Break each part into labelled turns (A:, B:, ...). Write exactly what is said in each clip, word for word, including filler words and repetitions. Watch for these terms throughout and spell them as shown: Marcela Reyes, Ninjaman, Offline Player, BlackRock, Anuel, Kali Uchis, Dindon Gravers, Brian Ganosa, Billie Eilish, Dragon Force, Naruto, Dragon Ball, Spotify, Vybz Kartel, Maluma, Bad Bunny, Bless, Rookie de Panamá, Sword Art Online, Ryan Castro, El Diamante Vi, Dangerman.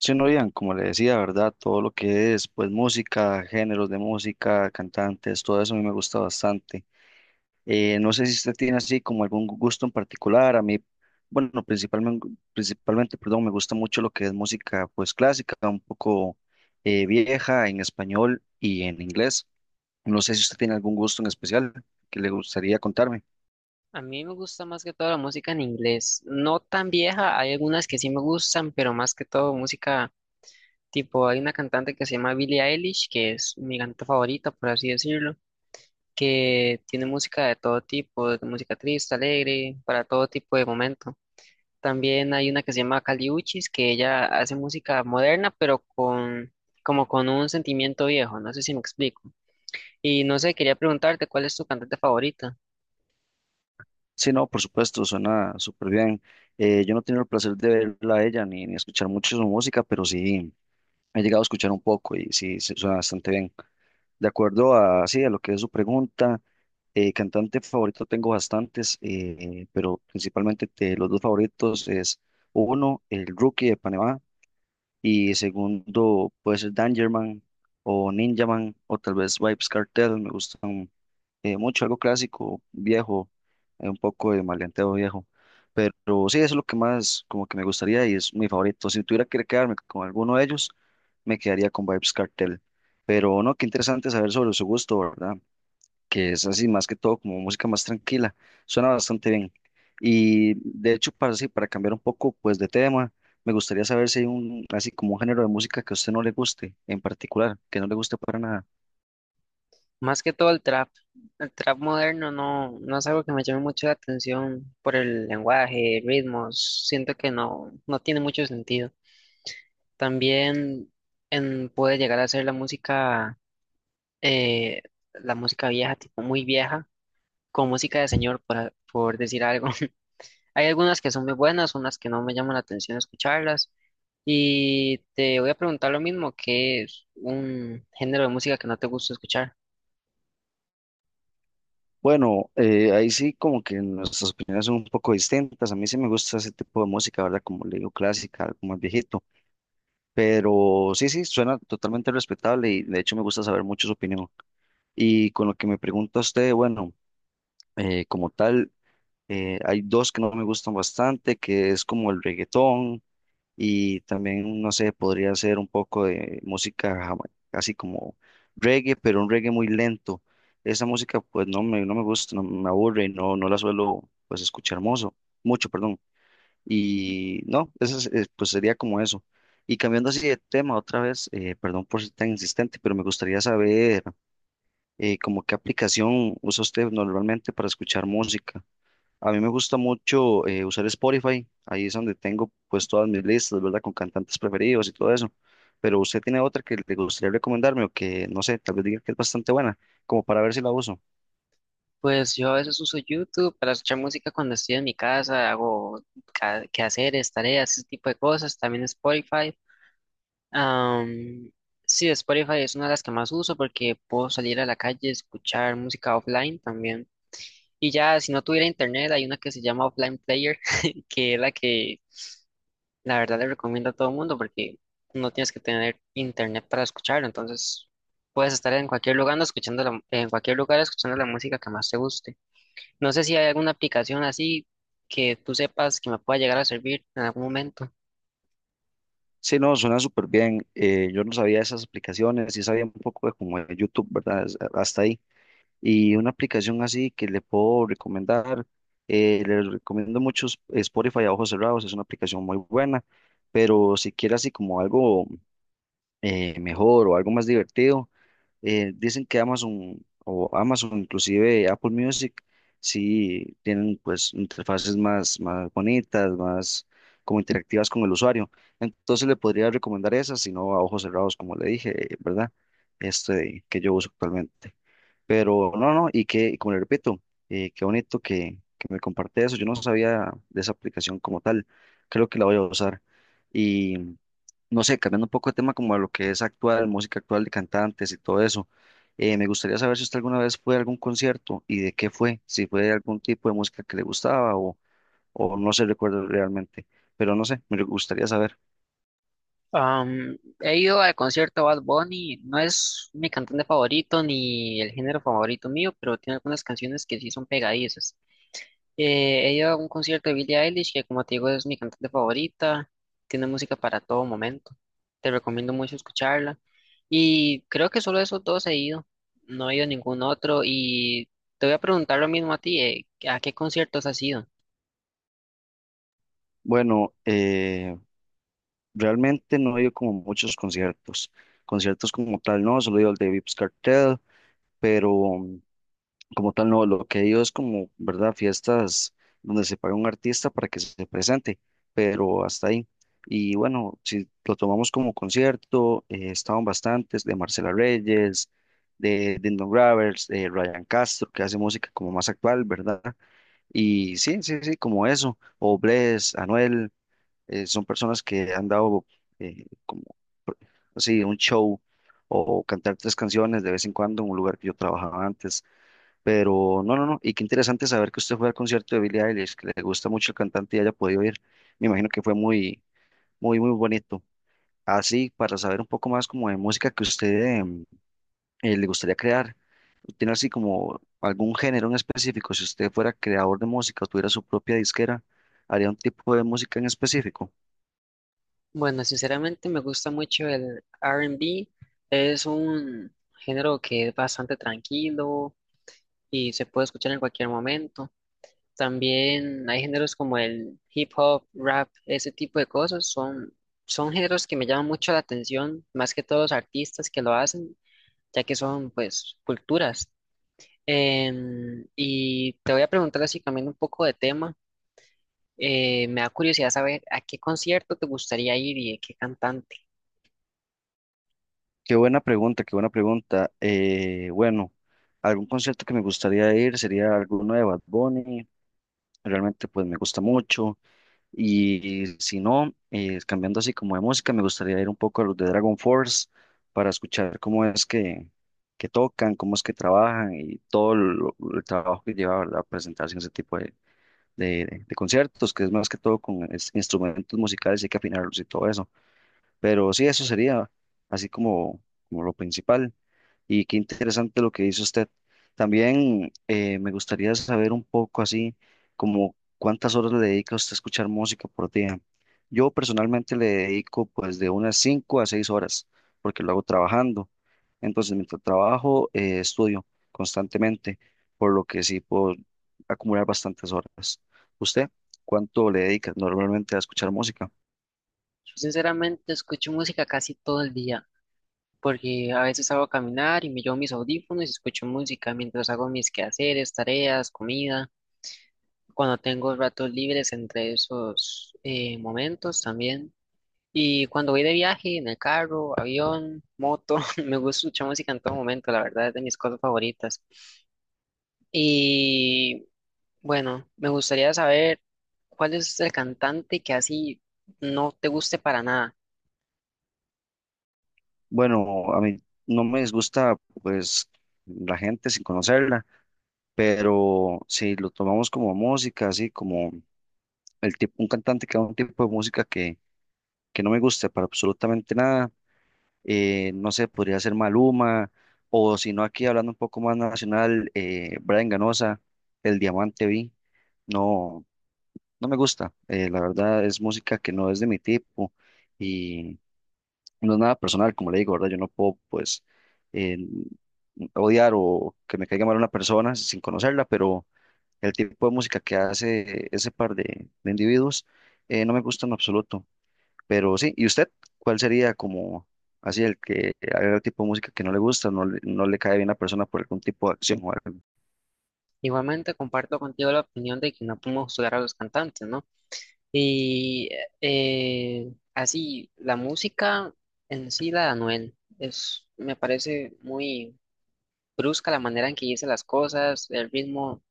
A: Sí, no, Ian, como le decía, ¿verdad? Todo lo que es, pues, música, géneros de música, cantantes, todo eso a mí me gusta bastante. Eh, no sé si usted tiene así como algún gu- gusto en particular. A mí, bueno, principalmente, principalmente, perdón, me gusta mucho lo que es música, pues, clásica, un poco eh, vieja en español y en inglés. No sé si usted tiene algún gusto en especial que le gustaría contarme.
B: A mí me gusta más que todo la música en inglés, no tan vieja, hay algunas que sí me gustan, pero más que todo música tipo, hay una cantante que se llama Billie Eilish, que es mi cantante favorita, por así decirlo, que tiene música de todo tipo, de música triste, alegre, para todo tipo de momento. También hay una que se llama Kali Uchis, que ella hace música moderna, pero con como con un sentimiento viejo, no sé si me explico. Y no sé, quería preguntarte, ¿cuál es tu cantante favorita?
A: Sí, no, por supuesto, suena súper bien. Eh, yo no he tenido el placer de verla a ella ni, ni escuchar mucho su música, pero sí. He llegado a escuchar un poco y sí, se- suena bastante bien. De acuerdo a, sí, a lo que es su pregunta, eh, cantante favorito tengo bastantes, eh, pero principalmente de los dos favoritos es uno, el Rookie de Panamá, y segundo puede ser Dangerman o Ninjaman o tal vez Vybz Kartel, me gustan eh, mucho, algo clásico, viejo, eh, un poco de maleanteo viejo. Pero sí, eso es lo que más como que me gustaría y es mi favorito. Si tuviera que quedarme con alguno de ellos, me quedaría con Vibes Cartel. Pero no, qué interesante saber sobre su gusto, ¿verdad? Que es así más que todo como música más tranquila. Suena bastante bien. Y de hecho, para, sí, para cambiar un poco pues de tema, me gustaría saber si hay un, así como un género de música que a usted no le guste en particular, que no le guste para nada.
B: Más que todo el trap. El trap moderno no, no es algo que me llame mucho la atención por el lenguaje, ritmos. Siento que no, no tiene mucho sentido. También en- puede llegar a ser la música, eh, la música vieja, tipo muy vieja, con música de señor, por, a- por decir algo. Hay algunas que son muy buenas, unas que no me llaman la atención escucharlas. Y te voy a preguntar lo mismo, ¿qué es un género de música que no te gusta escuchar?
A: Bueno, eh, ahí sí como que nuestras opiniones son un poco distintas. A mí sí me gusta ese tipo de música, ¿verdad? Como le digo, clásica, algo más viejito. Pero sí, sí, suena totalmente respetable y de hecho me gusta saber mucho su opinión. Y con lo que me pregunta usted, bueno, eh, como tal, eh, hay dos que no me gustan bastante, que es como el reggaetón y también, no sé, podría ser un poco de música jama- casi como reggae, pero un reggae muy lento. Esa música pues no me, no me gusta, no me aburre, no, no la suelo pues escuchar mozo, mucho, perdón. Y no, eso es- eh, pues sería como eso. Y cambiando así de tema otra vez, eh, perdón por ser tan insistente, pero me gustaría saber eh, como qué aplicación usa usted normalmente para escuchar música. A mí me gusta mucho eh, usar Spotify, ahí es donde tengo pues todas mis listas, ¿verdad? Con cantantes preferidos y todo eso. Pero usted tiene otra que le gustaría recomendarme o que, no sé, tal vez diga que es bastante buena, como para ver si la uso.
B: Pues yo a veces uso YouTube para escuchar música cuando estoy en mi casa, hago ca- quehaceres, tareas, ese tipo de cosas, también Spotify. Am, sí, Spotify es una de las que más uso porque puedo salir a la calle y escuchar música offline también. Y ya, si no tuviera internet, hay una que se llama Offline Player, que es la que la verdad le recomiendo a todo el mundo porque no tienes que tener internet para escucharlo, entonces puedes estar en cualquier lugar escuchando la- en cualquier lugar escuchando la música que más te guste. No sé si hay alguna aplicación así que tú sepas que me pueda llegar a servir en algún momento.
A: Sí, no, suena súper bien. eh, yo no sabía esas aplicaciones, sí sabía un poco de como de YouTube, ¿verdad? Es- Hasta ahí. Y una aplicación así que le puedo recomendar, eh, le recomiendo mucho Sp- Spotify a ojos cerrados, es una aplicación muy buena, pero si quiere así como algo eh, mejor o algo más divertido. Eh, dicen que Amazon o Amazon, inclusive Apple Music, sí tienen pues interfaces más, más bonitas, más como interactivas con el usuario. Entonces le podría recomendar esas, si no a ojos cerrados, como le dije, ¿verdad? Este que yo uso actualmente. Pero no, no, y que, y como le repito, eh, qué bonito que, que me comparte eso. Yo no sabía de esa aplicación como tal. Creo que la voy a usar. Y no sé, cambiando un poco de tema como a lo que es actual, música actual de cantantes y todo eso. eh, me gustaría saber si usted alguna vez fue a algún concierto y de qué fue, si fue algún tipo de música que le gustaba o, o no se recuerda realmente. Pero no sé, me gustaría saber.
B: Am, he ido al concierto de Bad Bunny, no es mi cantante favorito ni el género favorito mío, pero tiene algunas canciones que sí son pegadizas. Eh, he ido a un concierto de Billie Eilish, que como te digo es mi cantante favorita, tiene música para todo momento. Te recomiendo mucho escucharla. Y creo que solo esos dos he ido, no he ido a ningún otro. Y te voy a preguntar lo mismo a ti, eh, ¿a qué conciertos has ido?
A: Bueno, eh, realmente no he ido como muchos conciertos. Conciertos como tal, no, solo he ido al de Vips Cartel, pero um, como tal, no. Lo que he ido es como, ¿verdad? Fiestas donde se paga un artista para que se presente, pero hasta ahí. Y bueno, si lo tomamos como concierto, eh, estaban bastantes de Marcela Reyes, de Dindon Gravers, de Ryan Castro, que hace música como más actual, ¿verdad? Y sí, sí, sí, como eso, o Bless, Anuel eh, son personas que han dado eh, como pr- así un show o cantar tres canciones de vez en cuando en un lugar que yo trabajaba antes. Pero no, no, no. Y qué interesante saber que usted fue al concierto de Billie Eilish, que le gusta mucho el cantante y haya podido ir. Me imagino que fue muy, muy, muy bonito. Así, para saber un poco más como de música que usted em, eh, le gustaría crear, ¿tiene así como algún género en específico? Si usted fuera creador de música o tuviera su propia disquera, ¿haría un tipo de música en específico?
B: Bueno, sinceramente me gusta mucho el R and B. Es un género que es bastante tranquilo y se puede escuchar en cualquier momento. También hay géneros como el hip hop, rap, ese tipo de cosas. Son, son géneros que me llaman mucho la atención, más que todos los artistas que lo hacen, ya que son pues culturas. Em, y te voy a preguntar así cambiando un poco de tema. Eh, me da curiosidad saber a qué concierto te gustaría ir y de qué cantante.
A: Qué buena pregunta, qué buena pregunta. Eh, bueno, algún concierto que me gustaría ir sería alguno de Bad Bunny. Realmente pues me gusta mucho. Y, si no, eh, cambiando así como de música, me gustaría ir un poco a los de Dragon Force para escuchar cómo es que, que tocan, cómo es que trabajan y todo lo- el trabajo que lleva, ¿verdad? Presentarse en ese tipo de, de, de conciertos, que es más que todo con es- instrumentos musicales y hay que afinarlos y todo eso. Pero sí, eso sería así como, como lo principal. Y qué interesante lo que dice usted. También eh, me gustaría saber un poco así como cuántas horas le dedica usted a escuchar música por día. Yo personalmente le dedico pues de unas cinco a seis horas porque lo hago trabajando. Entonces mientras trabajo eh, estudio constantemente, por lo que sí puedo acumular bastantes horas. ¿Usted cuánto le dedica normalmente a escuchar música?
B: Yo sinceramente escucho música casi todo el día, porque a veces hago a caminar y me llevo mis audífonos y escucho música mientras hago mis quehaceres, tareas, comida, cuando tengo ratos libres entre esos eh, momentos también. Y cuando voy de viaje, en el carro, avión, moto, me gusta escuchar música en todo momento, la verdad es de mis cosas favoritas. Y bueno, me gustaría saber cuál es el cantante que así no te guste para nada.
A: Bueno, a mí no me disgusta pues la gente sin conocerla, pero si lo tomamos como música, así como el tipo, un cantante que haga un tipo de música que, que no me guste para absolutamente nada, eh, no sé, podría ser Maluma, o si no, aquí hablando un poco más nacional, eh, Brian Ganosa, El Diamante Vi, no, no me gusta, eh, la verdad es música que no es de mi tipo y no es nada personal, como le digo, ¿verdad? Yo no puedo, pues, eh, odiar o que me caiga mal una persona sin conocerla, pero el tipo de música que hace ese par de, de individuos eh, no me gusta en absoluto. Pero sí, ¿y usted cuál sería como así el que haga el tipo de música que no le gusta, no le, no le cae bien a la persona por algún tipo de acción o algo?
B: Igualmente comparto contigo la opinión de que no podemos juzgar a los cantantes, ¿no? Y eh, así, la música en sí, la de Anuel, es, me parece muy brusca la manera en que dice las cosas, el ritmo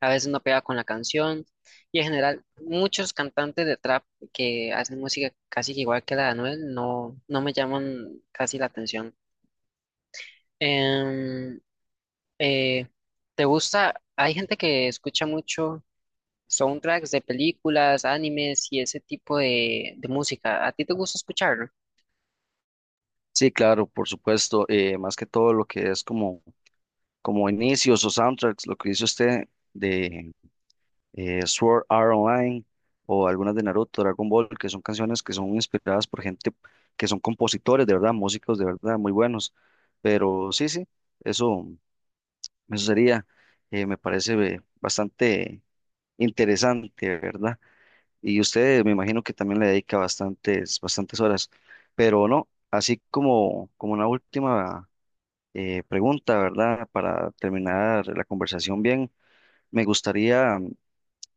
B: a veces no pega con la canción, y en general muchos cantantes de trap que hacen música casi que igual que la de Anuel no, no me llaman casi la atención. Em, eh, ¿te gusta? Hay gente que escucha mucho soundtracks de películas, animes y ese tipo de, de música. ¿A ti te gusta escucharlo?
A: Sí, claro, por supuesto. eh, más que todo lo que es como, como inicios o soundtracks, lo que dice usted de, eh, Sword Art Online o algunas de Naruto, Dragon Ball, que son canciones que son inspiradas por gente que son compositores, de verdad, músicos de verdad muy buenos. Pero sí, sí, eso, eso sería, eh, me parece eh, bastante interesante, ¿verdad? Y usted me imagino que también le dedica bastantes, bastantes horas, pero no, así como, como una última eh, pregunta, ¿verdad? Para terminar la conversación bien, me gustaría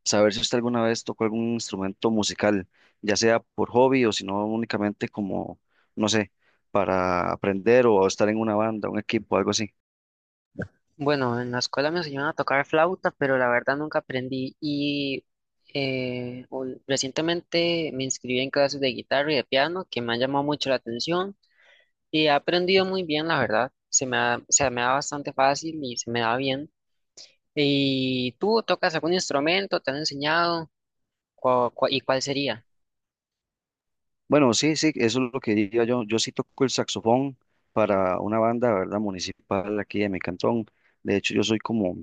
A: saber si usted alguna vez tocó algún instrumento musical, ya sea por hobby o si no únicamente como, no sé, para aprender o estar en una banda, un equipo, algo así.
B: Bueno, en la escuela me enseñaron a tocar flauta, pero la verdad nunca aprendí. Y eh, ul- recientemente me inscribí en clases de guitarra y de piano, que me han llamado mucho la atención y he aprendido muy bien, la verdad. Se me da, se me da bastante fácil y se me da bien. ¿Y tú tocas algún instrumento? ¿Te han enseñado? ¿Cu- cu- ¿y cuál sería?
A: Bueno, sí, sí, eso es lo que diría yo. Yo sí toco el saxofón para una banda, ¿verdad? Municipal aquí de mi cantón. De hecho, yo soy como,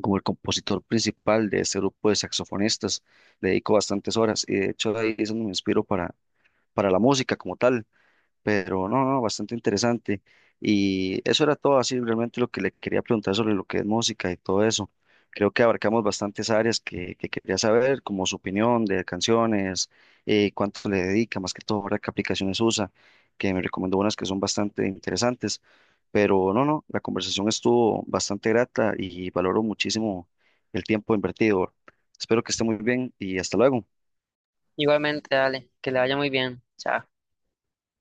A: como el compositor principal de este grupo de saxofonistas. Le dedico bastantes horas y de hecho ahí es donde me inspiro para, para la música como tal. Pero no, no, bastante interesante. Y eso era todo así, realmente lo que le quería preguntar sobre lo que es música y todo eso. Creo que abarcamos bastantes áreas que, que quería saber, como su opinión de canciones, eh, cuánto le dedica, más que todo, ¿verdad? ¿Qué aplicaciones usa? Que me recomendó unas que son bastante interesantes. Pero no, no, la conversación estuvo bastante grata y valoro muchísimo el tiempo invertido. Espero que esté muy bien y hasta luego.
B: Igualmente, dale, que le vaya muy bien. Chao.